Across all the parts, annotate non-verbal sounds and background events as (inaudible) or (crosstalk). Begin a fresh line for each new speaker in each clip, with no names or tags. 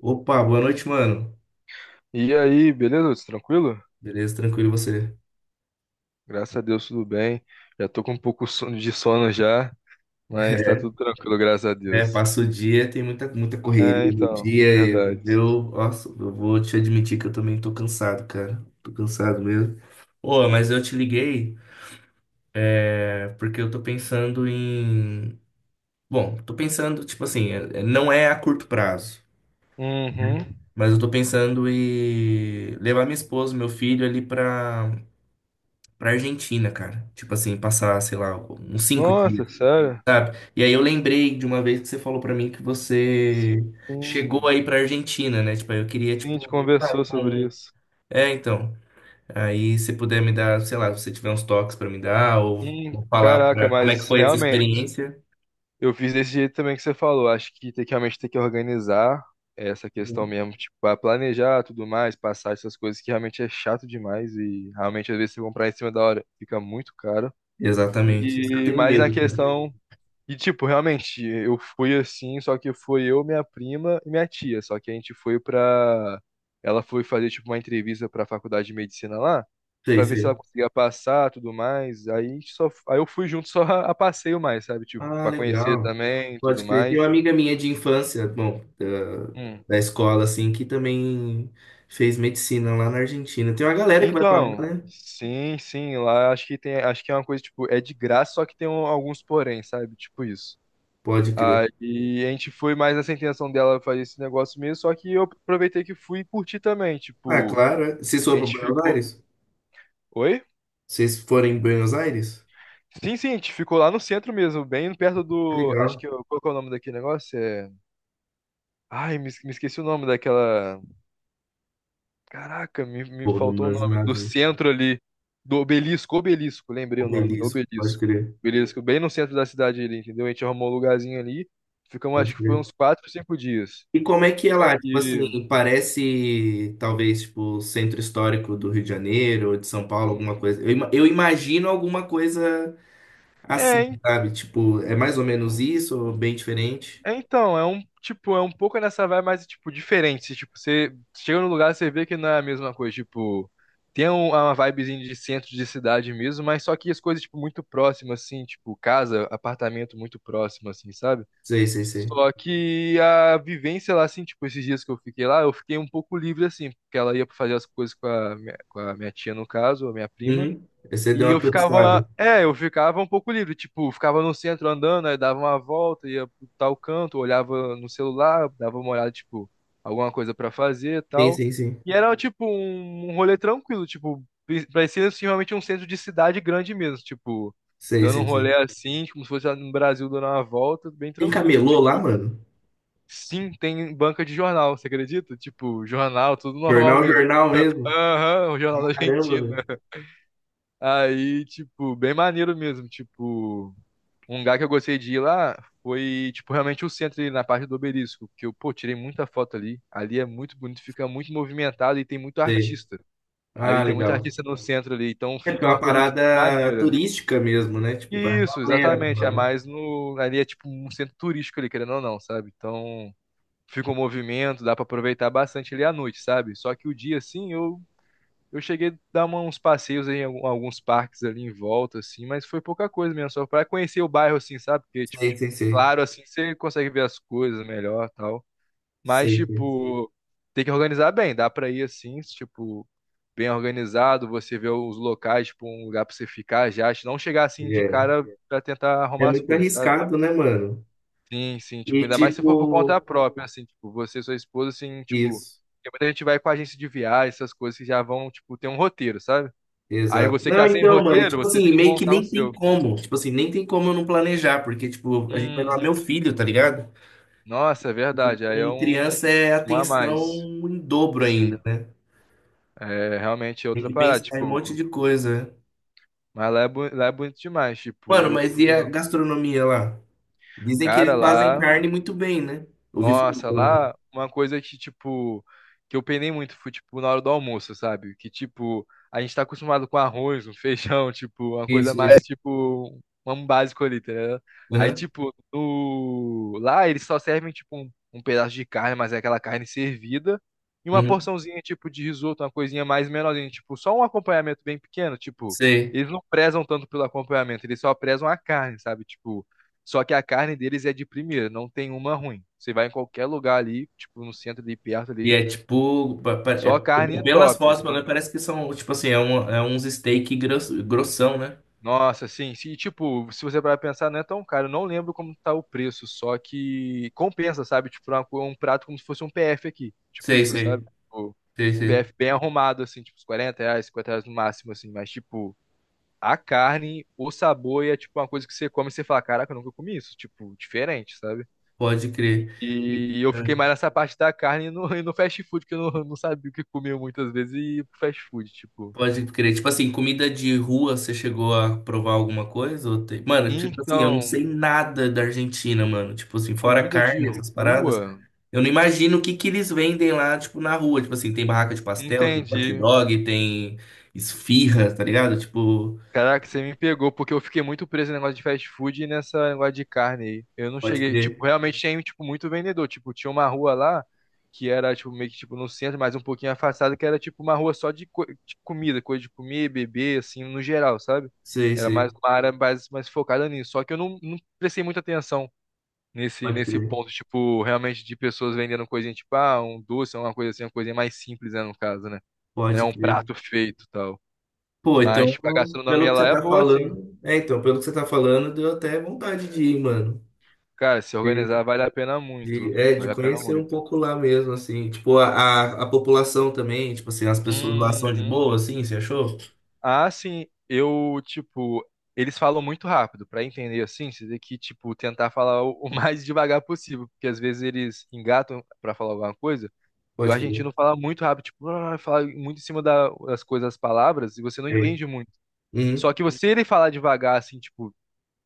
Opa, boa noite, mano.
E aí, beleza? Lutz? Tranquilo?
Beleza, tranquilo e você?
Graças a Deus, tudo bem. Já tô com um pouco de sono já, mas tá
É,
tudo tranquilo, graças a
é,
Deus.
passa o dia, tem muita, muita
É,
correria no
então,
dia. E
verdade.
eu, nossa, eu vou te admitir que eu também tô cansado, cara. Tô cansado mesmo. Ô, mas eu te liguei, porque eu tô pensando em. Bom, tô pensando, tipo assim, não é a curto prazo,
Uhum.
mas eu tô pensando em levar minha esposa, meu filho ali pra Argentina, cara. Tipo assim, passar, sei lá, uns 5 dias.
Nossa, sério?
Sabe? E aí eu lembrei de uma vez que você falou pra mim que você chegou
Hum,
aí pra Argentina, né? Tipo, aí eu queria,
sim, a gente
tipo, sabe,
conversou sobre
um...
isso.
É, então. Aí se puder me dar, sei lá, se você tiver uns toques pra me dar, ou, ou falar
Caraca,
pra. Como é que
mas
foi essa
realmente,
experiência?
eu fiz desse jeito também que você falou. Acho que tem que realmente ter que organizar essa questão
Uhum.
mesmo, tipo, pra planejar tudo mais, passar essas coisas que realmente é chato demais e realmente às vezes você comprar em cima da hora fica muito caro.
Exatamente. Isso que eu
E
tenho
mais na
medo, né?
questão. E, tipo, realmente, eu fui assim, só que foi eu, minha prima e minha tia. Só que a gente foi pra. Ela foi fazer, tipo, uma entrevista pra faculdade de medicina lá,
Sei,
pra ver se
sei.
ela conseguia passar tudo mais. Aí a gente só. Aí eu fui junto (laughs) só a passeio mais, sabe? Tipo,
Ah,
pra conhecer
legal.
também tudo
Pode crer. Tem
mais.
uma amiga minha de infância, bom, da,
Hum.
da escola, assim, que também fez medicina lá na Argentina. Tem uma galera que vai pra
Então,
lá, né?
sim, sim, lá acho que tem. Acho que é uma coisa, tipo, é de graça, só que tem alguns porém, sabe? Tipo isso.
Pode crer.
Aí a gente foi mais nessa intenção dela fazer esse negócio mesmo, só que eu aproveitei que fui e curti também,
Ah,
tipo,
claro. Vocês
a
foram
gente
para Buenos
ficou.
Aires?
Oi?
Vocês forem em Buenos Aires?
Sim, sim, a gente ficou lá no centro mesmo, bem perto
É
do.
Legal.
Acho que. Qual que é o nome daquele negócio? É. Ai, me esqueci o nome daquela. Caraca, me
Pô, não
faltou o
manjo
nome.
nada
Do
de
centro ali. Do obelisco, lembrei o nome.
obelisco. Pode
Obelisco.
crer,
Obelisco, bem no centro da cidade ali, entendeu? A gente arrumou um lugarzinho ali. Ficamos,
pode
acho que foi
crer.
uns quatro, cinco dias.
E como é que é
Só
lá? Tipo
que.
assim, parece talvez tipo o centro histórico do Rio de Janeiro ou de São Paulo, alguma coisa. Eu imagino alguma coisa assim,
É,
sabe? Tipo, é mais ou menos isso ou bem diferente?
É, então, é um, tipo, é um pouco nessa vibe mais, tipo, diferente. Tipo, você chega num lugar, você vê que não é a mesma coisa, tipo, tem uma vibezinha de centro de cidade mesmo, mas só que as coisas, tipo, muito próximas, assim, tipo, casa, apartamento muito próximo, assim, sabe?
Sei, sei, sei.
Só que a vivência lá, assim, tipo, esses dias que eu fiquei lá, eu fiquei um pouco livre, assim, porque ela ia fazer as coisas com a minha tia, no caso, a minha prima,
Uhum. Você deu
e eu
uma turistada.
ficava, é, eu ficava um pouco livre, tipo, ficava no centro andando, aí dava uma volta, ia pro tal canto, olhava no celular, dava uma olhada, tipo, alguma coisa pra fazer e
Sim,
tal.
sim, sim.
E era, tipo, um rolê tranquilo, tipo, parecia assim, realmente um centro de cidade grande mesmo, tipo,
Sei,
dando um
sei,
rolê
sei.
assim, como se fosse lá no Brasil dando uma volta, bem
Tem
tranquilo. E,
camelô lá,
tipo,
mano?
sim, tem banca de jornal, você acredita? Tipo, jornal, tudo normal
Jornal,
mesmo.
jornal mesmo?
Aham, o jornal da
Caramba,
Argentina. Aí, tipo, bem maneiro mesmo. Tipo, um lugar que eu gostei de ir lá foi, tipo, realmente o centro ali na parte do Obelisco, que eu, pô, tirei muita foto ali. Ali é muito bonito, fica muito movimentado e tem muito
Sei.
artista.
Ah,
Ali tem muito
legal.
artista no centro ali, então
É porque é
fica uma
uma
coisa, tipo,
parada
maneira.
turística mesmo, né? Tipo, vai uma
Isso,
galera pra
exatamente. É
lá, né?
mais no. Ali é tipo um centro turístico ali, querendo ou não, sabe? Então fica um movimento, dá pra aproveitar bastante ali à noite, sabe? Só que o dia, assim, eu cheguei a dar uns passeios em alguns parques ali em volta, assim, mas foi pouca coisa mesmo, só pra conhecer o bairro, assim, sabe? Porque, tipo,
Sei, sei, sei.
claro, assim, você consegue ver as coisas melhor tal. Mas,
Sei, sei.
tipo, tem que organizar bem, dá pra ir assim, tipo, bem organizado, você vê os locais, tipo, um lugar pra você ficar já, não chegar assim de
É.
cara pra tentar
É
arrumar as
muito
coisas, sabe?
arriscado, né, mano?
Sim, sim, tipo,
E
ainda mais se for por
tipo,
conta própria, assim, tipo, você e sua esposa, assim, tipo,
isso.
porque muita gente vai com agência de viagem, essas coisas que já vão, tipo, ter um roteiro, sabe? Aí
Exato.
você que
Não,
tá sem
então, mano, e,
roteiro,
tipo
você
assim,
tem que
meio que
montar o
nem tem
seu.
como. Tipo assim, nem tem como eu não planejar, porque, tipo, a gente vai lá meu
Uhum.
filho, tá ligado?
Nossa, é verdade. Aí é
Em
um,
criança é
um a
atenção
mais.
em dobro ainda,
Sim.
né?
É realmente
Tem
outra
que
parada,
pensar em um
tipo,
monte de coisa, né?
mas lá é, lá é bonito demais, tipo,
Mano,
eu
mas
fui,
e a
ó,
gastronomia lá? Dizem que
cara,
eles fazem
lá.
carne muito bem, né? Ouvi falar.
Nossa,
pelo menos.
lá uma coisa que, tipo, que eu penei muito foi, tipo, na hora do almoço, sabe? Que, tipo, a gente tá acostumado com arroz, um feijão, (laughs) tipo, uma coisa
Isso, isso.
mais, tipo, um básico ali, tá ligado? Aí,
Aham,
tipo, no... lá eles só servem, tipo, um pedaço de carne, mas é aquela carne servida, e uma
uhum.
porçãozinha, tipo, de risoto, uma coisinha mais menorzinha, tipo, só um acompanhamento bem pequeno, tipo,
Sei.
eles não prezam tanto pelo acompanhamento, eles só prezam a carne, sabe? Tipo, só que a carne deles é de primeira, não tem uma ruim. Você vai em qualquer lugar ali, tipo no centro ali perto
E
ali,
é tipo,
só carne
pelas
top.
fotos, pelo menos parece que são, tipo assim, é uns steak gross, grossão, né?
Nossa, assim, se tipo, se você vai pensar, não é tão caro. Eu não lembro como tá o preço, só que compensa, sabe? Tipo, uma um prato como se fosse um PF aqui, tipo
Sei,
isso, sabe?
sei,
Tipo,
sei,
um
sei.
PF bem arrumado, assim, tipo, uns R$ 40, R$ 50 no máximo, assim, mas tipo. A carne, o sabor e é tipo uma coisa que você come e você fala, caraca, eu nunca comi isso, tipo, diferente, sabe?
Pode crer.
E eu fiquei mais nessa parte da carne e no, (laughs) e no fast food, que eu não sabia o que comia muitas vezes e ia pro fast food, tipo.
Pode crer. Tipo assim, comida de rua, você chegou a provar alguma coisa? Mano, tipo assim, eu não
Então,
sei nada da Argentina, mano. Tipo assim, fora
comida de
carne, essas paradas.
rua,
Eu não imagino o que que eles vendem lá, tipo, na rua. Tipo assim, tem barraca de pastel, tem hot
entendi.
dog, tem esfirra, tá ligado? Tipo,
Caraca, você me pegou, porque eu fiquei muito preso no negócio de fast food e nessa negócio de carne aí. Eu não
pode
cheguei, tipo,
crer.
realmente tinha, tipo, muito vendedor. Tipo, tinha uma rua lá que era, tipo, meio que, tipo, no centro, mas um pouquinho afastada, que era, tipo, uma rua só de, de comida, coisa de comer, beber, assim, no geral, sabe?
Sei,
Era mais
sei.
uma área mais, mais focada nisso. Só que eu não prestei muita atenção
Pode
nesse
crer.
ponto, tipo, realmente de pessoas vendendo coisinha, tipo, ah, um doce, uma coisa assim, uma coisinha mais simples, né, no caso, né? Não é
Pode
um
crer.
prato feito e tal.
Pô,
Mas,
então,
tipo, a
pelo
gastronomia
que
lá
você
é
tá
boa, assim.
falando. É, então, pelo que você tá falando, deu até vontade de ir, mano.
Cara, se organizar vale a pena
De,
muito.
é, de
Vale a pena
conhecer um
muito.
pouco lá mesmo, assim. Tipo, a população também, tipo assim, as pessoas lá são de
Uhum.
boa, assim, você achou?
Ah, sim, eu, tipo, eles falam muito rápido, pra entender assim, você tem que, tipo, tentar falar o mais (laughs) devagar possível, porque às vezes eles engatam pra falar alguma coisa, e o
Pode crer.
argentino fala muito rápido, tipo, (laughs) ah, fala muito em cima das coisas, das palavras, e você não
É.
entende muito.
Uhum,
Só que você ele falar devagar, assim, tipo,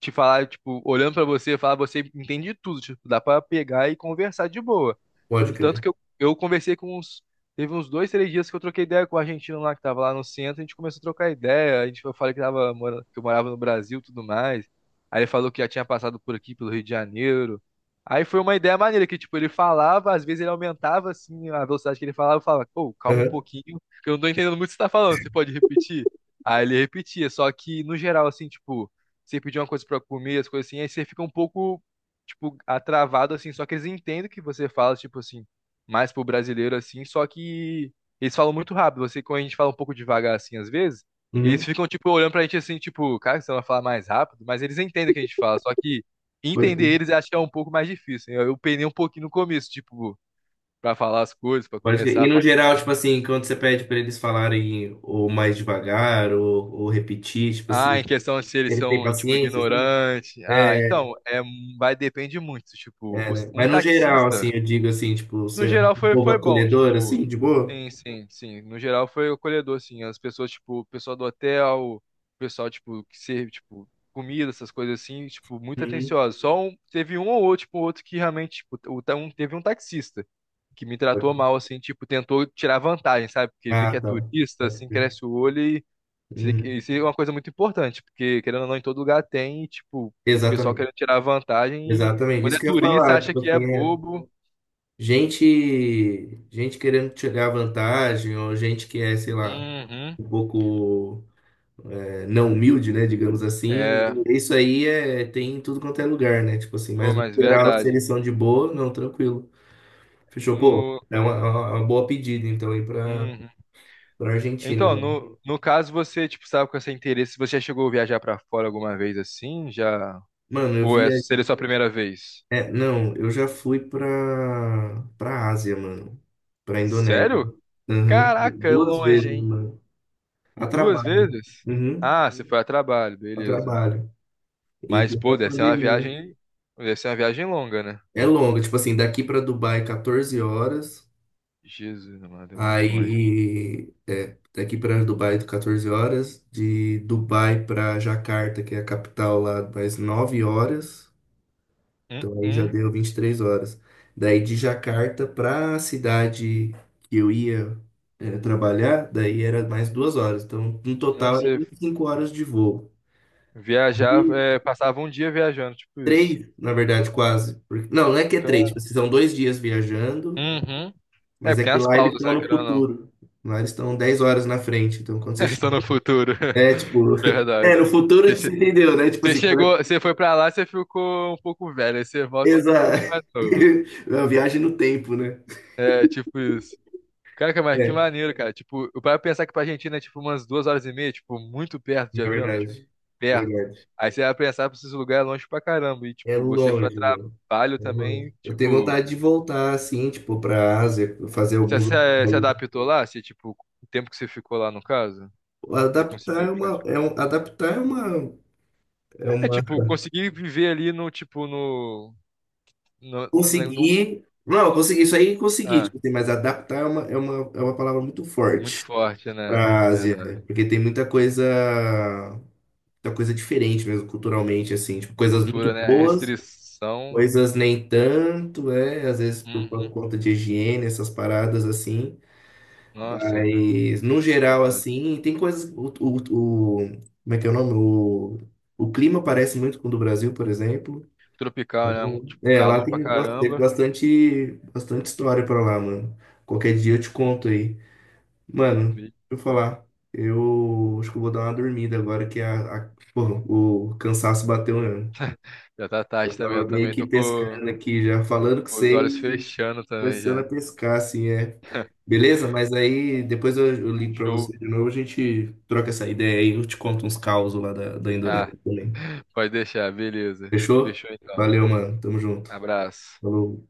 te falar, tipo, olhando pra você, falar, você entende de tudo, tipo, dá pra pegar e conversar de boa.
pode
Entanto
crer.
que eu conversei com uns, teve uns dois, três dias que eu troquei ideia com o argentino lá, que tava lá no centro, a gente começou a trocar ideia, a gente, eu falei que tava, que eu morava no Brasil e tudo mais, aí ele falou que já tinha passado por aqui, pelo Rio de Janeiro, aí foi uma ideia maneira, que, tipo, ele falava, às vezes ele aumentava, assim, a velocidade que ele falava, eu falava, pô, calma um
Aham,
pouquinho, que eu não tô entendendo muito o que você tá falando, você pode repetir? Aí ele repetia, só que, no geral, assim, tipo, você pedir uma coisa pra comer, as coisas assim, aí você fica um pouco, tipo, atravado, assim, só que eles entendem o que você fala, tipo assim, mais pro brasileiro, assim, só que eles falam muito rápido, você, quando a gente fala um pouco devagar, assim, às vezes, eles
uhum,
ficam, tipo, olhando pra gente, assim, tipo, cara, você vai falar mais rápido, mas eles entendem o que a gente fala, só que
pode
entender
crer.
eles eu acho que é um pouco mais difícil, eu penei um pouquinho no começo, tipo, pra falar as coisas, pra
Pode crer.
começar
E
a
no
falar.
geral, tipo assim, quando você pede pra eles falarem ou mais devagar ou repetir, tipo
Ah, em
assim,
questão de se eles
eles têm
são, tipo,
paciência, assim?
ignorantes. Ah,
É,
então, é, vai depende muito. Tipo,
é, né?
um
Mas no geral, assim,
taxista,
eu digo assim, tipo,
no
você é
geral
um
foi,
povo
foi bom,
acolhedor, assim,
tipo,
de boa?
sim, sim, sim. No geral foi acolhedor, assim. As pessoas, tipo, o pessoal do hotel, o pessoal, tipo, que serve, tipo, comida, essas coisas assim, tipo, muito
Uhum.
atencioso. Só um, teve um ou outro, tipo, outro que realmente, tipo, o um, teve um taxista que me tratou mal, assim, tipo, tentou tirar vantagem, sabe? Porque vê que
Ah,
é
tá.
turista,
Pode
assim,
crer.
cresce o olho e
Uhum.
isso é uma coisa muito importante, porque querendo ou não, em todo lugar tem, e, tipo, o pessoal
Exatamente.
querendo tirar vantagem e
Exatamente,
quando
isso
é
que eu ia
turista
falar,
acha
tipo
que é
assim, é
bobo.
gente querendo tirar vantagem, ou gente que é, sei lá,
Uhum.
um pouco não humilde, né, digamos assim,
É.
isso aí é, tem em tudo quanto é lugar, né, tipo assim,
Pô,
mas no
mas
geral, se
verdade.
eles são de boa, não, tranquilo, fechou, pô,
No...
é uma boa pedida, então, aí pra,
Uhum.
pra, Argentina,
Então,
mano.
no, no caso, você, tipo, sabe com esse interesse, você já chegou a viajar pra fora alguma vez assim? Já?
Mano,
Ou é, seria sua primeira vez?
não, eu já fui pra, pra Ásia, mano, pra Indonésia.
Sério?
Aham.
Caraca, é
Duas
longe,
vezes,
hein?
mano, a
Duas
trabalho.
vezes?
Uhum,
Ah, você foi a trabalho,
a
beleza.
trabalho. Em
Mas, pô,
plena
deve ser uma
pandemia.
viagem. Deve ser uma viagem longa, né?
É longa, tipo assim, daqui pra Dubai 14 horas,
Jesus, mano, é muito longe.
aí daqui pra Dubai 14 horas, de Dubai pra Jacarta, que é a capital lá, mais 9 horas,
Hum,
então aí já
hum.
deu 23 horas. Daí de Jacarta pra cidade que eu ia trabalhar, daí era mais 2 horas, então no total
Nossa,
era
você
25 horas de voo.
viajava, é, passava um dia viajando, tipo isso.
Três, na verdade, quase. Não, não é que é três, tipo,
Cara-
vocês são 2 dias viajando,
uhum. É,
mas
porque
é
tem
que
as
lá eles
pausas,
estão
né,
no
querendo ou não.
futuro. Lá eles estão 10 horas na frente. Então, quando você
(laughs) Só
chega.
no futuro.
É,
(laughs)
tipo. (laughs) É, no
Verdade.
futuro
Você
você
che-
entendeu, né? Tipo
você
assim, quando é.
chegou, você foi pra lá, você ficou um pouco velho. Aí você volta, você ficou um pouco
Exato. (laughs)
mais novo.
É uma viagem no tempo, né?
É, tipo isso. Caraca, mas que
É,
maneiro, cara. Tipo, eu para pensar que pra Argentina é tipo umas duas horas e meia, tipo, muito perto
é
de avião, tipo,
verdade.
perto.
Verdade.
Aí você vai pensar pra esses lugares longe pra caramba. E,
É
tipo, você foi a
longe, mano.
trabalho
É longe.
também,
Eu tenho
tipo,
vontade de voltar, assim, tipo, pra Ásia, fazer
você
alguns.
se adaptou lá? Você, tipo, o tempo que você ficou lá, no caso? Você
Adaptar
conseguiu
é uma.
ficar de...
É um... Adaptar é uma. É
É,
uma.
tipo, conseguir viver ali no, tipo, no,
Consegui. Não, eu consegui. Isso aí consegui,
ah,
tipo assim, mas adaptar é uma palavra muito
muito
forte
forte, né?
pra Ásia,
Verdade.
né? Porque tem muita coisa diferente mesmo, culturalmente, assim, tipo, coisas muito
Cultura, né?
boas,
Restrição.
coisas nem tanto, às vezes por
Uhum.
conta de higiene, essas paradas assim,
Nossa,
mas no geral,
verdade.
assim, tem coisas, como é que é o nome? O clima parece muito com o do Brasil, por exemplo.
Tropical, né? Um,
Então,
tipo,
Lá
calor pra
tem, nossa, teve
caramba.
bastante, bastante história pra lá, mano. Qualquer dia eu te conto aí. Mano, deixa
Vixe.
eu falar. Eu acho que eu vou dar uma dormida agora que pô, o cansaço bateu mesmo.
Já tá
Eu
tarde também. Eu
tava meio
também
que
tô
pescando aqui já, falando que
com os
sei,
olhos fechando também
começando a
já.
pescar, assim. Beleza? Mas aí depois eu ligo pra
Show.
você de novo, a gente troca essa ideia aí, eu te conto uns causos lá da Indonésia
Ah,
também.
pode deixar, beleza.
Fechou?
Fechou então.
Valeu, mano. Tamo junto.
Abraço.
Falou.